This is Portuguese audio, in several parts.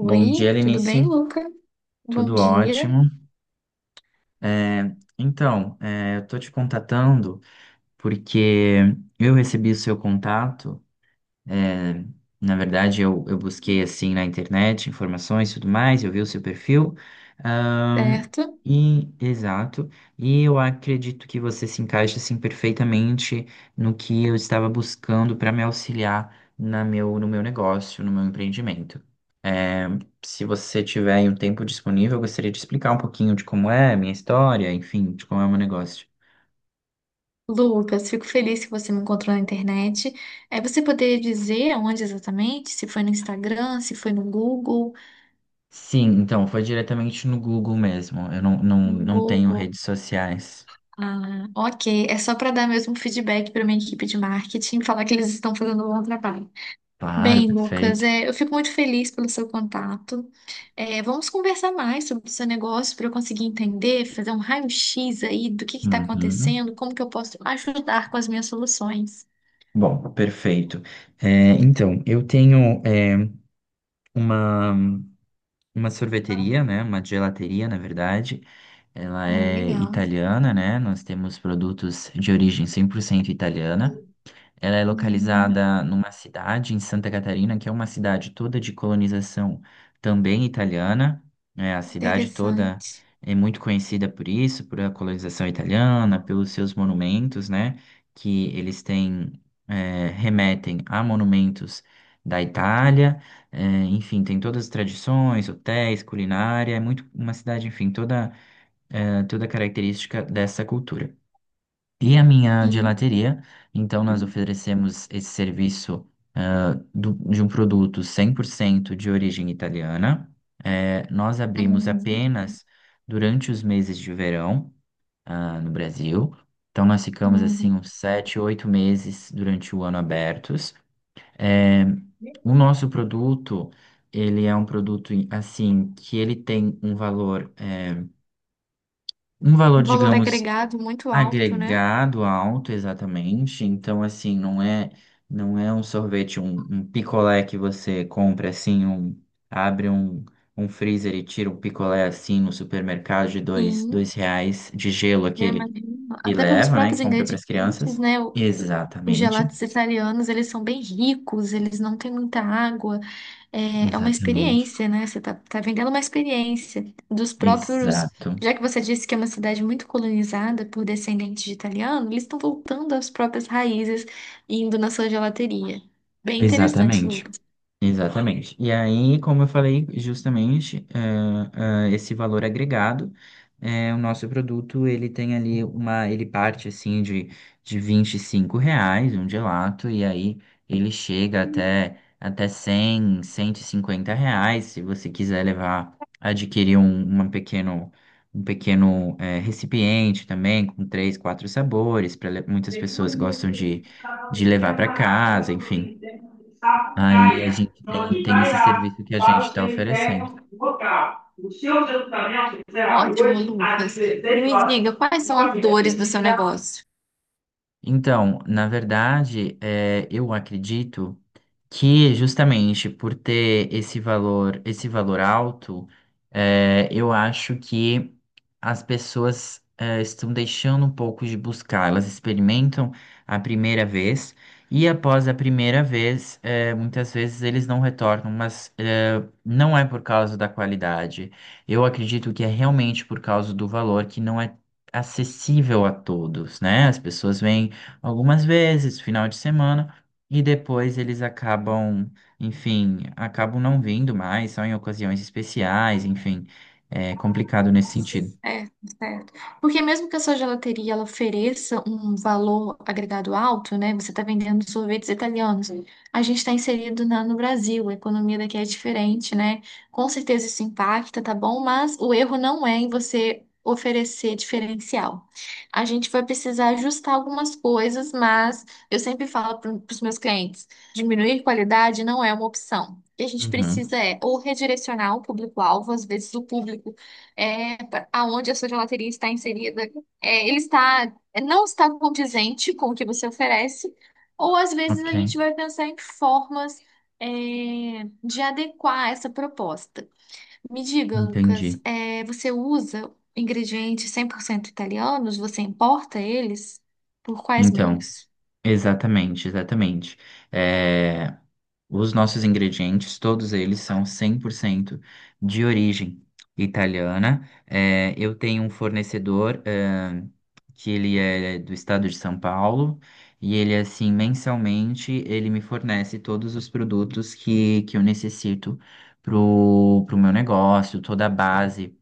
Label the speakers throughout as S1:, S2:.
S1: Bom dia,
S2: tudo bem,
S1: Lenice.
S2: Luca? Bom
S1: Tudo
S2: dia,
S1: ótimo. É, então, eu tô te contatando porque eu recebi o seu contato é, Na verdade, eu busquei assim na internet informações e tudo mais, eu vi o seu perfil. ahn,
S2: certo?
S1: e, exato. E eu acredito que você se encaixa assim perfeitamente no que eu estava buscando para me auxiliar no meu negócio, no meu empreendimento. É, se você tiver aí um tempo disponível, eu gostaria de explicar um pouquinho de como é a minha história, enfim, de como é o meu negócio.
S2: Lucas, fico feliz que você me encontrou na internet. É você poder dizer onde exatamente? Se foi no Instagram, se foi no Google?
S1: Sim, então foi diretamente no Google mesmo. Eu não, não,
S2: No
S1: não tenho
S2: Google.
S1: redes sociais.
S2: Ah, ok. É só para dar mesmo um feedback para minha equipe de marketing, falar que eles estão fazendo um bom trabalho.
S1: Claro,
S2: Bem, Lucas,
S1: perfeito.
S2: eu fico muito feliz pelo seu contato. Vamos conversar mais sobre o seu negócio para eu conseguir entender, fazer um raio-x aí do que está
S1: Uhum.
S2: acontecendo, como que eu posso ajudar com as minhas soluções.
S1: Bom, perfeito. Então, eu tenho uma, uma sorveteria, né? Uma gelateria, na verdade. Ela
S2: Ah,
S1: é
S2: legal.
S1: italiana, né? Nós temos produtos de origem 100% italiana. Ela é
S2: Uhum,
S1: localizada numa cidade em Santa Catarina, que é uma cidade toda de colonização também italiana. Né? A cidade toda
S2: interessante.
S1: é muito conhecida por isso, por a colonização italiana, pelos seus monumentos, né? Que eles têm, remetem a monumentos da Itália. Enfim, tem todas as tradições, hotéis, culinária. É muito uma cidade, enfim, toda característica dessa cultura e a minha
S2: Sim.
S1: gelateria. Então, nós oferecemos esse serviço de um produto 100% de origem italiana. Nós abrimos
S2: Uhum,
S1: apenas durante os meses de verão, no Brasil. Então, nós ficamos
S2: uhum.
S1: assim uns 7, 8 meses durante o ano abertos. Eh, o nosso produto, ele é um produto assim que ele tem um valor,
S2: Um valor
S1: digamos
S2: agregado muito alto, né?
S1: agregado alto, exatamente. Então, assim, não é um sorvete, um picolé que você compra assim, abre um freezer e tira um picolé assim no supermercado de dois,
S2: Sim.
S1: dois reais de gelo
S2: Eu
S1: aquele
S2: imagino,
S1: e
S2: até pelos
S1: leva, né? E
S2: próprios
S1: compra para as
S2: ingredientes,
S1: crianças.
S2: né? Os
S1: Exatamente,
S2: gelatos italianos, eles são bem ricos, eles não têm muita água. É, é uma
S1: exatamente,
S2: experiência, né? Você tá vendendo uma experiência dos próprios.
S1: exato,
S2: Já que você disse que é uma cidade muito colonizada por descendentes de italiano, eles estão voltando às próprias raízes, indo na sua gelateria. Bem interessante,
S1: exatamente.
S2: Lucas.
S1: Exatamente. E aí, como eu falei, justamente, esse valor agregado, o nosso produto, ele tem ali ele parte assim de R$ 25 um gelato, e aí ele chega até cem cento e cinquenta reais, se você quiser levar, adquirir um, uma pequeno, um pequeno, eh, recipiente também, com três, quatro sabores, para muitas pessoas
S2: Segundo de
S1: gostam
S2: ter
S1: de levar
S2: temos
S1: para
S2: a
S1: casa,
S2: capela para o
S1: enfim.
S2: cemitério de
S1: Aí a
S2: Sapucaia,
S1: gente tem,
S2: onde
S1: tem esse
S2: irá
S1: serviço que a gente
S2: para o
S1: está oferecendo.
S2: cemitério local. O seu sepultamento será ótimo, hoje às Lucas. E me horas. Diga, quais são as dores do seu negócio?
S1: Então, na verdade, eu acredito que justamente por ter esse valor alto, eu acho que as pessoas estão deixando um pouco de buscar. Elas experimentam a primeira vez e após a primeira vez, muitas vezes eles não retornam, mas não é por causa da qualidade. Eu acredito que é realmente por causa do valor que não é acessível a todos, né? As pessoas vêm algumas vezes, final de semana, e depois eles acabam, enfim, acabam não vindo mais, só em ocasiões especiais, enfim, é complicado nesse sentido.
S2: É, certo. Porque mesmo que a sua gelateria ela ofereça um valor agregado alto, né? Você está vendendo sorvetes italianos. Sim. A gente está no Brasil, a economia daqui é diferente, né? Com certeza isso impacta, tá bom? Mas o erro não é em você oferecer diferencial. A gente vai precisar ajustar algumas coisas, mas eu sempre falo para os meus clientes, diminuir qualidade não é uma opção. O que a gente
S1: Uhum,
S2: precisa é ou redirecionar o público-alvo, às vezes o público aonde a sua gelateria está inserida, ele está, não está condizente com o que você oferece, ou às vezes
S1: ok,
S2: a gente vai pensar em formas, é, de adequar essa proposta. Me diga, Lucas,
S1: entendi.
S2: você usa ingredientes 100% italianos? Você importa eles? Por quais
S1: Então,
S2: meios?
S1: exatamente, exatamente. É, Os nossos ingredientes, todos eles são 100% de origem italiana. Eu tenho um fornecedor, que ele é do estado de São Paulo e ele, assim, mensalmente, ele me fornece todos os produtos que eu necessito pro meu negócio, toda a base,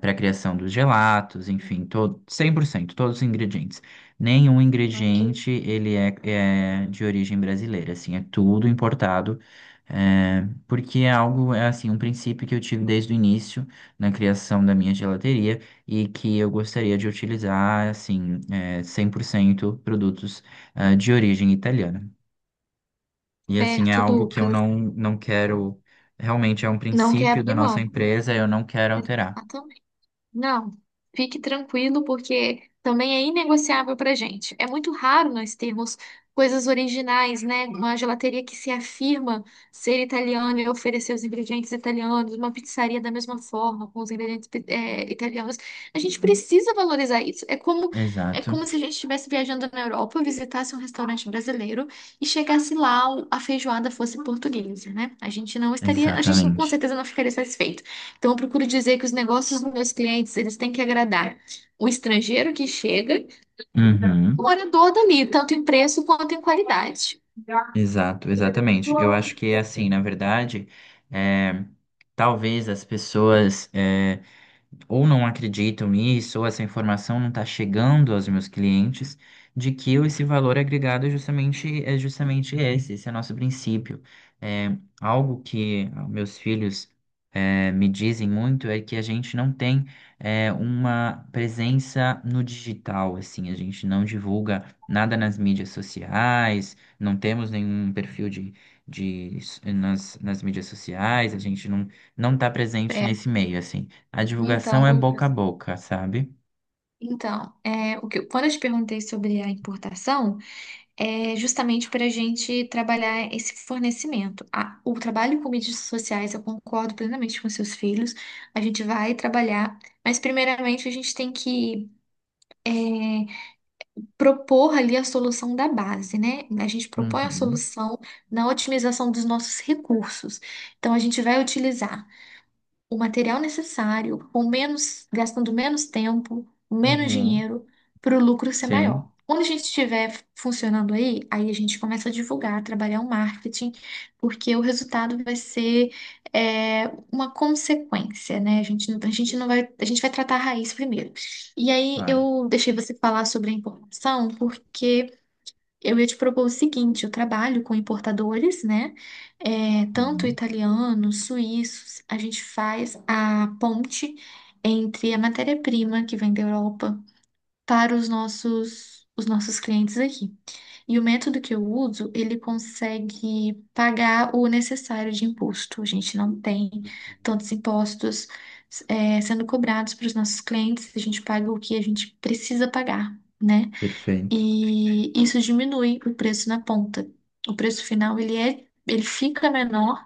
S1: para a criação dos gelatos, enfim, todo, 100% todos os ingredientes. Nenhum
S2: Ok.
S1: ingrediente ele é de origem brasileira, assim, é tudo importado, porque é algo, é assim, um princípio que eu tive desde o início na criação da minha gelateria e que eu gostaria de utilizar, assim, 100% produtos, de origem italiana. E, assim, é
S2: Certo,
S1: algo que eu
S2: Lucas.
S1: não quero, realmente é um
S2: Não quer
S1: princípio da
S2: abrir
S1: nossa
S2: mão.
S1: empresa, eu não quero alterar.
S2: Não, fique tranquilo, porque também é inegociável para gente. É muito raro nós termos coisas originais, né? Uma gelateria que se afirma ser italiana e oferecer os ingredientes italianos, uma pizzaria da mesma forma, com os ingredientes, italianos. A gente precisa valorizar isso. É
S1: Exato,
S2: como se a gente estivesse viajando na Europa, visitasse um restaurante brasileiro e chegasse lá, a feijoada fosse portuguesa, né? A gente não estaria, a gente com
S1: exatamente.
S2: certeza não ficaria satisfeito. Então, eu procuro dizer que os negócios dos meus clientes, eles têm que agradar o estrangeiro que chega, o
S1: Uhum.
S2: morador dali, tanto em preço quanto em qualidade.
S1: Exato, exatamente. Eu acho que é assim, na verdade, é, talvez as pessoas, ou não acreditam nisso, ou essa informação não está chegando aos meus clientes, de que eu esse valor agregado é justamente esse, esse é nosso princípio. Algo que meus filhos me dizem muito é que a gente não tem uma presença no digital, assim, a gente não divulga nada nas mídias sociais, não temos nenhum perfil de nas mídias sociais, a gente não está presente
S2: É,
S1: nesse meio, assim. A
S2: então,
S1: divulgação é boca a
S2: Lucas.
S1: boca, sabe?
S2: O que quando eu te perguntei sobre a importação, é justamente para a gente trabalhar esse fornecimento. O trabalho com mídias sociais, eu concordo plenamente com seus filhos, a gente vai trabalhar, mas primeiramente a gente tem que é, propor ali a solução da base, né? A gente propõe a
S1: Uhum,
S2: solução na otimização dos nossos recursos. Então, a gente vai utilizar o material necessário, com menos, gastando menos tempo, menos
S1: uhum,
S2: dinheiro, para o lucro ser maior.
S1: sim,
S2: Quando a gente estiver funcionando aí, aí a gente começa a divulgar, trabalhar o marketing, porque o resultado vai ser uma consequência, né? A gente não vai, a gente vai tratar a raiz primeiro. E aí
S1: claro.
S2: eu deixei você falar sobre a importação, porque eu ia te propor o seguinte: eu trabalho com importadores, né? É, tanto
S1: Uhum,
S2: italianos, suíços. A gente faz a ponte entre a matéria-prima que vem da Europa para os nossos clientes aqui. E o método que eu uso, ele consegue pagar o necessário de imposto. A gente não tem
S1: ok.
S2: tantos impostos, sendo cobrados para os nossos clientes. A gente paga o que a gente precisa pagar, né?
S1: Perfeito.
S2: E isso diminui o preço na ponta. O preço final ele fica menor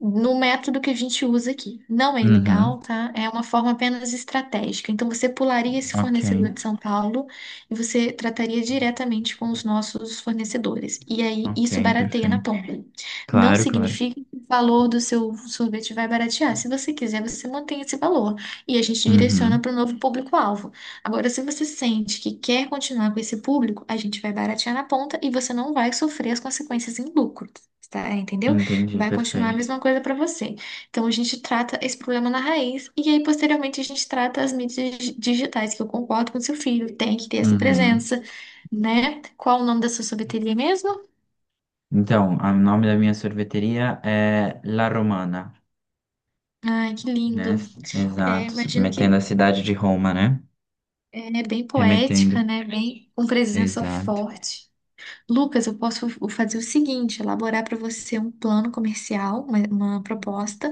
S2: no método que a gente usa aqui. Não é
S1: Uhum,
S2: ilegal, tá? É uma forma apenas estratégica. Então, você pularia esse
S1: ok,
S2: fornecedor de São Paulo e você trataria diretamente com os nossos fornecedores. E aí,
S1: ok,
S2: isso barateia na
S1: perfeito.
S2: ponta. Não
S1: Claro, claro.
S2: significa que o valor do seu sorvete vai baratear. Se você quiser, você mantém esse valor e a gente direciona
S1: Uhum,
S2: para o novo público-alvo. Agora, se você sente que quer continuar com esse público, a gente vai baratear na ponta e você não vai sofrer as consequências em lucro, tá? Entendeu?
S1: entendi,
S2: Vai continuar a
S1: perfeito.
S2: mesma coisa para você. Então, a gente trata esse problema na raiz, e aí, posteriormente, a gente trata as mídias digitais, que eu concordo com seu filho, tem que ter essa
S1: Uhum.
S2: presença, né? Qual o nome da sua sorveteria mesmo?
S1: Então, o nome da minha sorveteria é La Romana,
S2: Ai, que
S1: né?
S2: lindo. É,
S1: Exato,
S2: imagino
S1: submetendo a
S2: que
S1: cidade de Roma, né?
S2: é bem
S1: Remetendo.
S2: poética, né? Bem com presença
S1: Exato.
S2: forte. Lucas, eu posso fazer o seguinte: elaborar para você um plano comercial, uma proposta.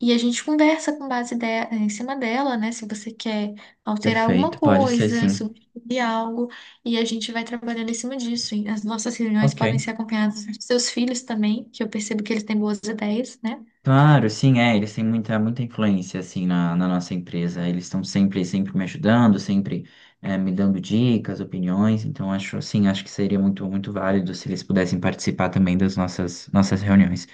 S2: E a gente conversa com em cima dela, né? Se você quer alterar alguma
S1: Perfeito, pode ser
S2: coisa,
S1: sim.
S2: substituir algo, e a gente vai trabalhando em cima disso. E as nossas reuniões podem
S1: Ok.
S2: ser acompanhadas dos seus filhos também, que eu percebo que eles têm boas ideias, né?
S1: Claro, sim, eles têm muita, muita influência, assim, na nossa empresa. Eles estão sempre, sempre me ajudando, sempre me dando dicas, opiniões. Então, acho, assim, acho que seria muito, muito válido se eles pudessem participar também das nossas reuniões.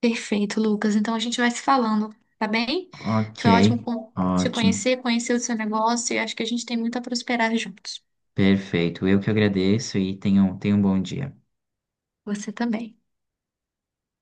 S2: Perfeito, Lucas. Então a gente vai se falando, tá bem?
S1: Ok,
S2: Foi ótimo te
S1: ótimo,
S2: conhecer, conhecer o seu negócio, e acho que a gente tem muito a prosperar juntos.
S1: perfeito. Eu que agradeço e tenham um bom dia.
S2: Você também.